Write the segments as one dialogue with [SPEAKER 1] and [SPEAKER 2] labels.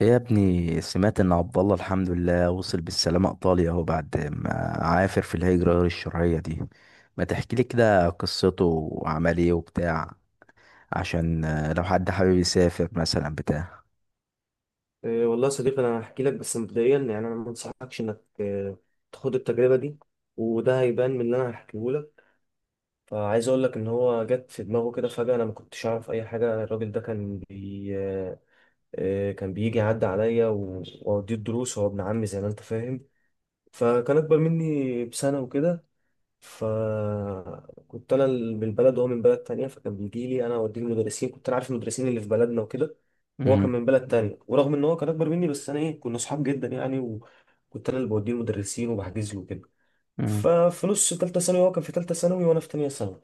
[SPEAKER 1] إيه يا ابني، سمعت ان عبد الله الحمد لله وصل بالسلامة ايطاليا اهو بعد ما عافر في الهجرة غير الشرعية دي. ما تحكي لي كده قصته وعمل ايه وبتاع، عشان لو حد حابب يسافر مثلا بتاع.
[SPEAKER 2] إيه والله يا صديقي، انا هحكي لك. بس مبدئيا يعني انا ما انصحكش انك تاخد التجربه دي. وده هيبان من اللي انا هحكيه لك. فعايز اقول لك ان هو جت في دماغه كده فجاه. انا ما كنتش اعرف اي حاجه. الراجل ده كان بي إيه، كان بيجي يعدي عليا واوديه الدروس، هو ابن عمي زي ما انت فاهم. فكان اكبر مني بسنه وكده. فكنت انا من البلد وهو من بلد تانية، فكان بيجي لي انا اوديه المدرسين، كنت انا عارف المدرسين اللي في بلدنا وكده. وهو كان
[SPEAKER 1] مم.
[SPEAKER 2] من بلد تانية، ورغم ان هو كان اكبر مني بس انا ايه، كنا صحاب جدا يعني، وكنت انا اللي بوديه المدرسين وبحجز له كده.
[SPEAKER 1] مم.
[SPEAKER 2] ففي نص تالتة ثانوي هو كان في تالتة ثانوي وانا في تانية ثانوي.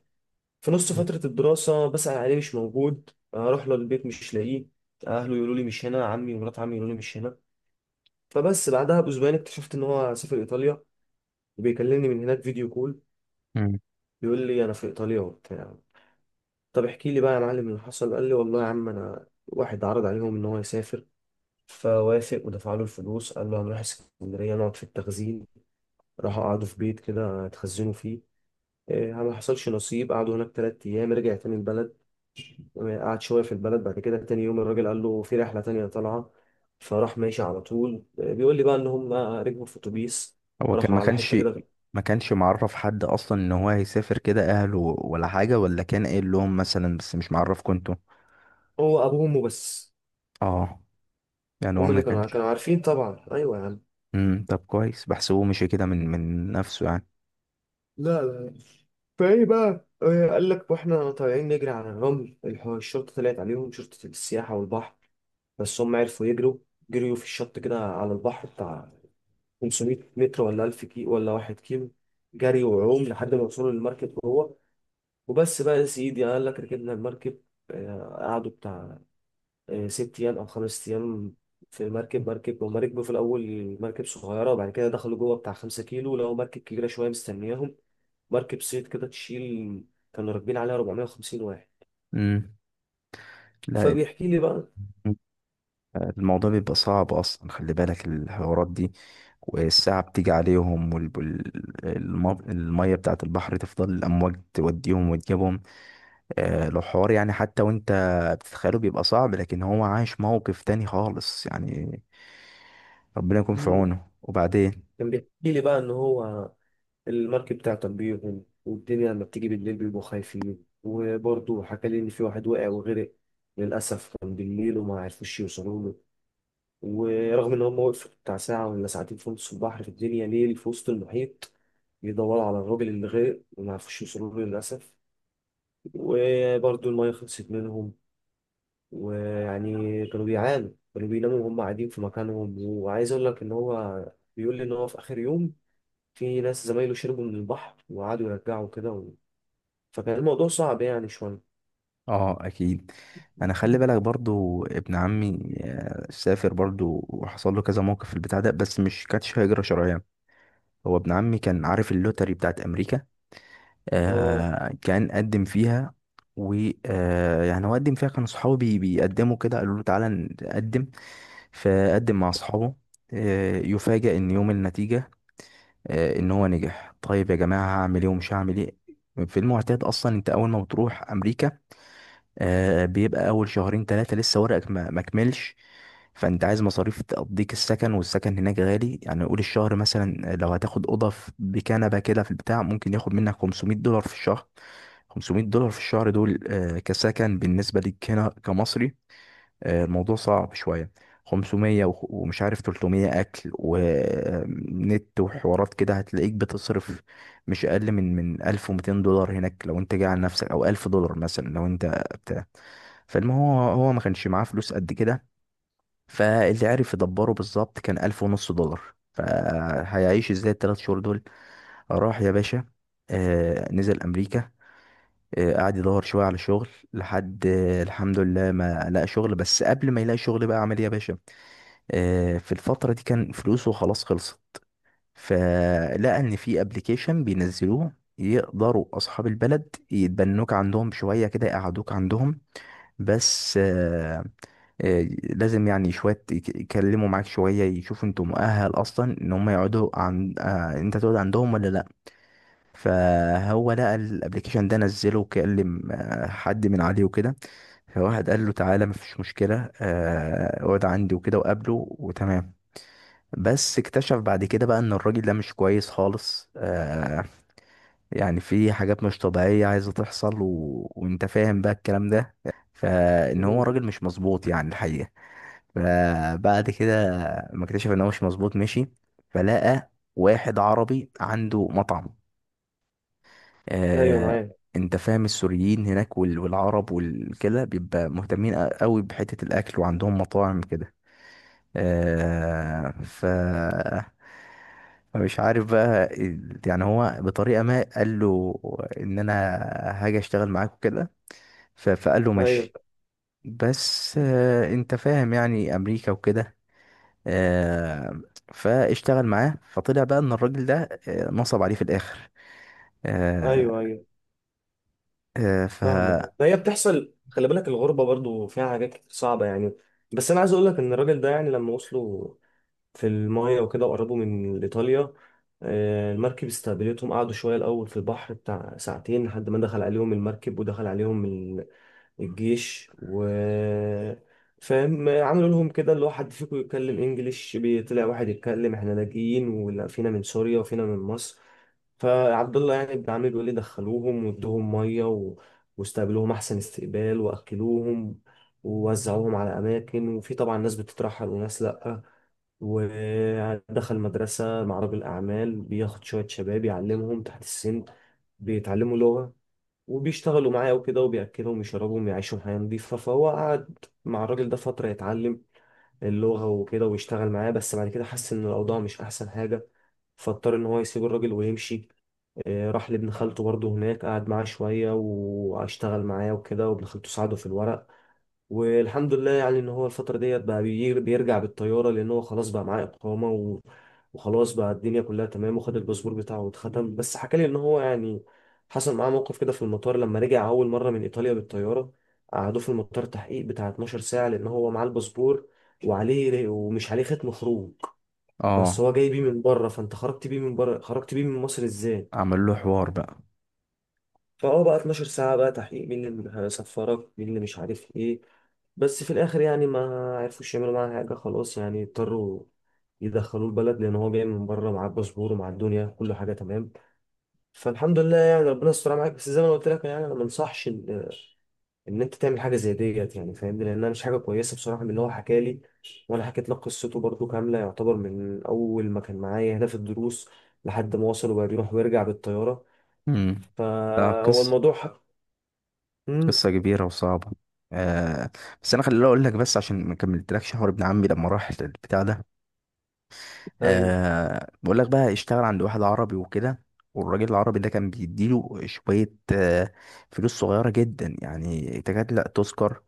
[SPEAKER 2] في نص فترة الدراسة بسأل عليه مش موجود، اروح له البيت مش لاقيه، اهله يقولوا لي مش هنا، عمي ومرات عمي يقولوا لي مش هنا. فبس بعدها باسبوعين اكتشفت ان هو سافر ايطاليا، وبيكلمني من هناك فيديو كول.
[SPEAKER 1] مم.
[SPEAKER 2] بيقول لي انا في ايطاليا وبتاع. طب احكي لي بقى يا معلم اللي حصل. قال لي والله يا عم، انا واحد عرض عليهم ان هو يسافر فوافق ودفع له الفلوس. قال له هنروح اسكندريه نقعد في التخزين. راحوا قعدوا في بيت كده اتخزنوا فيه. إيه، ما حصلش نصيب. قعدوا هناك تلات ايام، رجع تاني البلد. قعد شويه في البلد. بعد كده تاني يوم الراجل قال له في رحله تانية طالعه، فراح ماشي على طول. بيقول لي بقى ان هم ركبوا في اتوبيس
[SPEAKER 1] هو كان
[SPEAKER 2] راحوا
[SPEAKER 1] ما
[SPEAKER 2] على
[SPEAKER 1] كانش
[SPEAKER 2] حته كده.
[SPEAKER 1] ما كانش معرف حد اصلا ان هو هيسافر كده، اهله ولا حاجة، ولا كان قايل لهم مثلا؟ بس مش معرف كنتوا.
[SPEAKER 2] هو ابوهم وبس.
[SPEAKER 1] اه، يعني هو
[SPEAKER 2] هم
[SPEAKER 1] ما
[SPEAKER 2] اللي كانوا
[SPEAKER 1] كانش.
[SPEAKER 2] كانوا عارفين طبعا. ايوه يا عم.
[SPEAKER 1] مم. طب كويس، بحسبه مشي كده من نفسه يعني.
[SPEAKER 2] لا لا. فايه بقى. قال لك واحنا طالعين نجري على الرمل، الشرطة طلعت عليهم، شرطة السياحة والبحر. بس هم عرفوا يجروا. جريوا في الشط كده على البحر بتاع 500 متر ولا 1000 كيلو ولا 1 كيلو. جري وعوم لحد ما وصلوا للمركب هو. وبس بقى يا سيدي، قال لك ركبنا المركب. قعدوا بتاع ست أيام أو خمس أيام في مركب. هما ركبوا في الأول مركب صغيرة، وبعد كده دخلوا جوه بتاع خمسة كيلو لقوا مركب كبيرة شوية مستنياهم. مركب صيد كده تشيل. كانوا راكبين عليها 450 واحد.
[SPEAKER 1] مم.
[SPEAKER 2] فبيحكي لي بقى.
[SPEAKER 1] لا، الموضوع بيبقى صعب اصلا، خلي بالك الحوارات دي والساعة بتيجي عليهم والمية بتاعت البحر تفضل الأمواج توديهم وتجيبهم. لو حوار يعني حتى وانت بتتخيله بيبقى صعب، لكن هو عايش موقف تاني خالص يعني. ربنا يكون في
[SPEAKER 2] مم.
[SPEAKER 1] عونه. وبعدين
[SPEAKER 2] كان بيحكي لي بقى ان هو المركب تعطل بيهم. والدنيا لما بتيجي بالليل بيبقوا خايفين. وبرضه حكى لي ان في واحد وقع وغرق للاسف، كان بالليل وما عرفوش يوصلوا له. ورغم ان هم وقفوا بتاع ساعه ولا ساعتين في نص البحر، في الدنيا ليل في وسط المحيط، يدوروا على الراجل اللي غرق وما عرفوش يوصلوا له للاسف. وبرضه الميه خلصت منهم. ويعني كانوا بيعانوا، كانوا بيناموا وهم قاعدين في مكانهم. وعايز اقول لك ان هو بيقول لي ان هو في اخر يوم في ناس زمايله شربوا من البحر وقعدوا يرجعوا كده. فكان الموضوع صعب يعني شويه.
[SPEAKER 1] اه، اكيد. انا خلي بالك برضو ابن عمي سافر برضو وحصل له كذا موقف في البتاع ده، بس مش كانتش هجرة شرعية. هو ابن عمي كان عارف اللوتري بتاعت امريكا.
[SPEAKER 2] اه.
[SPEAKER 1] آه، كان قدم فيها. و يعني هو قدم فيها، كان صحابه بيقدموا كده، قالوا له تعالى نقدم، فقدم مع اصحابه. آه، يفاجأ ان يوم النتيجة آه ان هو نجح. طيب يا جماعة هعمل ايه ومش هعمل ايه؟ في المعتاد اصلا انت اول ما بتروح امريكا، بيبقى اول شهرين ثلاثه لسه ورقك ما كملش. فانت عايز مصاريف تقضيك السكن، والسكن هناك غالي يعني. قول الشهر مثلا لو هتاخد اوضه بكنبه كده في البتاع، ممكن ياخد منك $500 في الشهر. $500 في الشهر دول كسكن بالنسبه ليك هنا كمصري، الموضوع صعب شوية. ومش عارف، 300 أكل ونت وحوارات كده هتلاقيك بتصرف مش أقل من $1200 هناك لو أنت جاي على نفسك، أو $1000 مثلا لو أنت بتاع. فالمهم هو ما كانش معاه فلوس قد كده، فاللي عرف يدبره بالظبط كان 1000 ونص دولار. فهيعيش إزاي التلات شهور دول؟ راح يا باشا. نزل أمريكا. قعد يدور شوية على شغل لحد الحمد لله ما لقى شغل. بس قبل ما يلاقي شغل بقى عمل ايه يا باشا؟ في الفترة دي كان فلوسه خلاص خلصت، فلقى ان في ابلكيشن بينزلوه يقدروا اصحاب البلد يتبنوك عندهم شوية كده، يقعدوك عندهم. بس لازم يعني شوية يكلموا معاك شوية يشوفوا انتوا مؤهل اصلا ان هم يقعدوا عن انت تقعد عندهم ولا لا. فهو لقى الابلكيشن ده نزله وكلم حد من عليه وكده. فواحد قال له تعالى مفيش مشكلة، اقعد عندي وكده، وقابله وتمام. بس اكتشف بعد كده بقى ان الراجل ده مش كويس خالص. يعني في حاجات مش طبيعية عايزة تحصل، و... وانت فاهم بقى الكلام ده، فان هو
[SPEAKER 2] مم.
[SPEAKER 1] راجل مش مظبوط يعني الحقيقة. فبعد كده ما اكتشف ان هو مش مظبوط، مشي. فلقى واحد عربي عنده مطعم.
[SPEAKER 2] ايوه
[SPEAKER 1] آه،
[SPEAKER 2] معايا.
[SPEAKER 1] انت فاهم السوريين هناك والعرب والكده بيبقى مهتمين قوي بحتة الاكل وعندهم مطاعم كده. آه ف فمش عارف بقى يعني هو بطريقة ما قال له ان انا هاجي اشتغل معاك وكده. فقال له
[SPEAKER 2] ايوه
[SPEAKER 1] ماشي. بس آه، انت فاهم يعني امريكا وكده. آه، فاشتغل معاه. فطلع بقى ان الراجل ده نصب عليه في الاخر. آه
[SPEAKER 2] ايوه. ايوه
[SPEAKER 1] آه ف
[SPEAKER 2] فاهمه، فهي بتحصل. خلي بالك الغربة برضو فيها حاجات كتير صعبة يعني. بس أنا عايز أقول لك إن الراجل ده يعني لما وصلوا في المايه وكده وقربوا من ايطاليا، المركب استقبلتهم. قعدوا شويه الاول في البحر بتاع ساعتين لحد ما دخل عليهم المركب ودخل عليهم الجيش و فاهم، عملوا لهم كده اللي هو حد فيكم يتكلم انجليش. طلع واحد يتكلم، احنا لاجئين، ولا فينا من سوريا وفينا من مصر. فعبد الله يعني ابن عمي بيقول لي دخلوهم وادوهم ميه. واستقبلوهم احسن استقبال واكلوهم ووزعوهم على اماكن. وفي طبعا ناس بتترحل وناس لا. ودخل مدرسة مع راجل أعمال بياخد شوية شباب يعلمهم تحت السن، بيتعلموا لغة وبيشتغلوا معاه وكده، وبيأكلهم يشربهم يعيشوا حياة نظيفة. فهو قعد مع الراجل ده فترة يتعلم اللغة وكده ويشتغل معاه. بس بعد كده حس إن الأوضاع مش أحسن حاجة، فاضطر إن هو يسيب الراجل ويمشي. راح لابن خالته برضه هناك، قعد معاه شوية واشتغل معاه وكده، وابن خالته ساعده في الورق. والحمد لله يعني ان هو الفتره ديت بقى بيرجع بالطياره، هو خلاص بقى معاه اقامه. وخلاص بقى الدنيا كلها تمام وخد الباسبور بتاعه واتختم. بس حكى لي ان هو يعني حصل معاه موقف كده في المطار لما رجع اول مره من ايطاليا بالطياره. قعدوه في المطار تحقيق بتاع 12 ساعه لان هو معاه الباسبور، وعليه ومش عليه ختم خروج. بس
[SPEAKER 1] اه
[SPEAKER 2] هو جاي بيه من بره، فانت خرجت بيه من بره، خرجت بيه من مصر ازاي؟
[SPEAKER 1] عمل له حوار بقى.
[SPEAKER 2] فهو بقى 12 ساعة بقى تحقيق، مين اللي هيصفرك، مين اللي مش عارف ايه. بس في الآخر يعني ما عرفوش يعملوا معاه حاجة، خلاص يعني اضطروا يدخلوه البلد، لأن هو جاي من بره معاه الباسبور ومعاه الدنيا كل حاجة تمام. فالحمد لله يعني ربنا استر معاك. بس زي ما أنا قلت لك يعني أنا ما انصحش إن أنت تعمل حاجة زي ديت، يعني فاهمني، لأنها مش حاجة كويسة بصراحة من اللي هو حكى لي. وأنا حكيت لك قصته برضو كاملة، يعتبر من أول ما كان معايا هنا في الدروس لحد ما وصل وبقى بيروح ويرجع بالطيارة.
[SPEAKER 1] امم. لا،
[SPEAKER 2] فهو
[SPEAKER 1] قصة.
[SPEAKER 2] الموضوع. مم.
[SPEAKER 1] قصة كبيرة وصعبة. آه. بس أنا خليني أقول لك، بس عشان ما كملتلكش حوار ابن عمي لما راح البتاع ده.
[SPEAKER 2] ايوه
[SPEAKER 1] بقول لك بقى، اشتغل عند واحد عربي وكده، والراجل العربي ده كان بيديله شوية فلوس صغيرة جدا يعني تكاد لا تذكر.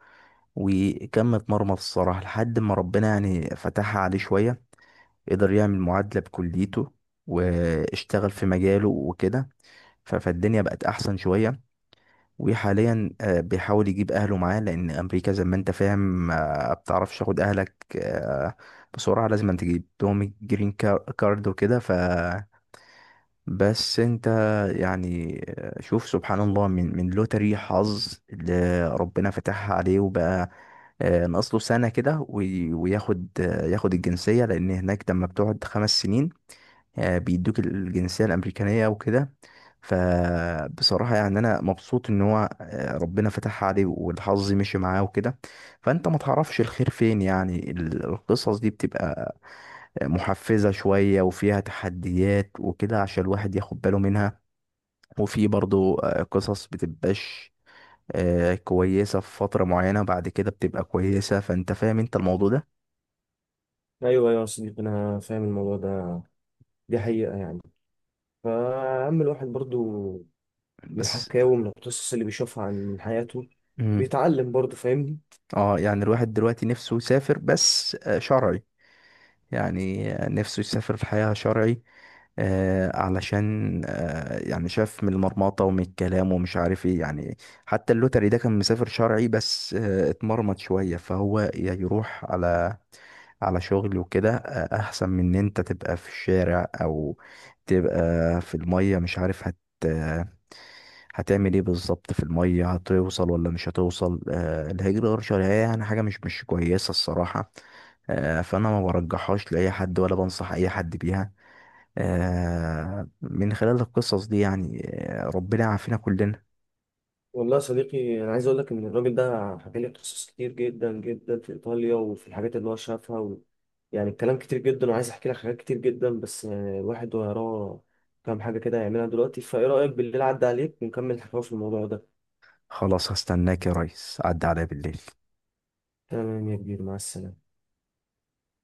[SPEAKER 1] وكم اتمرمط الصراحة، لحد ما ربنا يعني فتحها عليه شوية. قدر يعمل معادلة بكليته، واشتغل في مجاله وكده. فالدنيا بقت أحسن شوية. وحاليا بيحاول يجيب اهله معاه، لان امريكا زي ما انت فاهم بتعرفش تاخد اهلك آه، بسرعه. لازم أن تجيب لهم كارد وكده. ف، بس انت يعني شوف سبحان الله، من لوتري حظ اللي ربنا فتحها عليه، وبقى ناقص له سنه كده وياخد ياخد الجنسيه، لان هناك لما بتقعد 5 سنين بيدوك الجنسية الأمريكانية وكده. فبصراحة يعني أنا مبسوط إن هو ربنا فتحها عليه والحظ مشي معاه وكده. فأنت ما تعرفش الخير فين يعني. القصص دي بتبقى محفزة شوية وفيها تحديات وكده، عشان الواحد ياخد باله منها. وفي برضو قصص بتبقاش كويسة في فترة معينة، بعد كده بتبقى كويسة. فأنت فاهم أنت الموضوع ده
[SPEAKER 2] ايوه. ايوه يا صديقي، انا فاهم الموضوع ده، دي حقيقه يعني. فاما الواحد برضو من
[SPEAKER 1] بس.
[SPEAKER 2] الحكاوي ومن القصص اللي بيشوفها عن من حياته
[SPEAKER 1] مم.
[SPEAKER 2] بيتعلم برضو، فاهمني.
[SPEAKER 1] اه، يعني الواحد دلوقتي نفسه يسافر، بس شرعي. يعني نفسه يسافر في حياة شرعي. علشان يعني شاف من المرمطة ومن الكلام ومش عارف ايه يعني. حتى اللوتري ده كان مسافر شرعي، بس آه اتمرمط شوية. فهو يا يروح على على شغل وكده، آه، احسن من ان انت تبقى في الشارع، او تبقى في المية مش عارف هتعمل ايه بالظبط. في المية هتوصل ولا مش هتوصل؟ آه، الهجرة غير شرعية يعني حاجة مش كويسة الصراحة. آه، فأنا ما برجحهاش لأي حد ولا بنصح أي حد بيها من خلال القصص دي يعني. آه، ربنا يعافينا كلنا.
[SPEAKER 2] والله يا صديقي، انا عايز اقول لك ان الراجل ده حكى لي قصص كتير جدا جدا في ايطاليا وفي الحاجات اللي هو شافها. يعني الكلام كتير جدا، وعايز احكي لك حاجات كتير جدا، بس الواحد وراه كام حاجه كده يعملها دلوقتي. فايه رايك بالليل عدى عليك ونكمل الحكايه في الموضوع ده.
[SPEAKER 1] خلاص، هستناك يا ريس، عدى عليا بالليل.
[SPEAKER 2] تمام يا كبير، مع السلامه.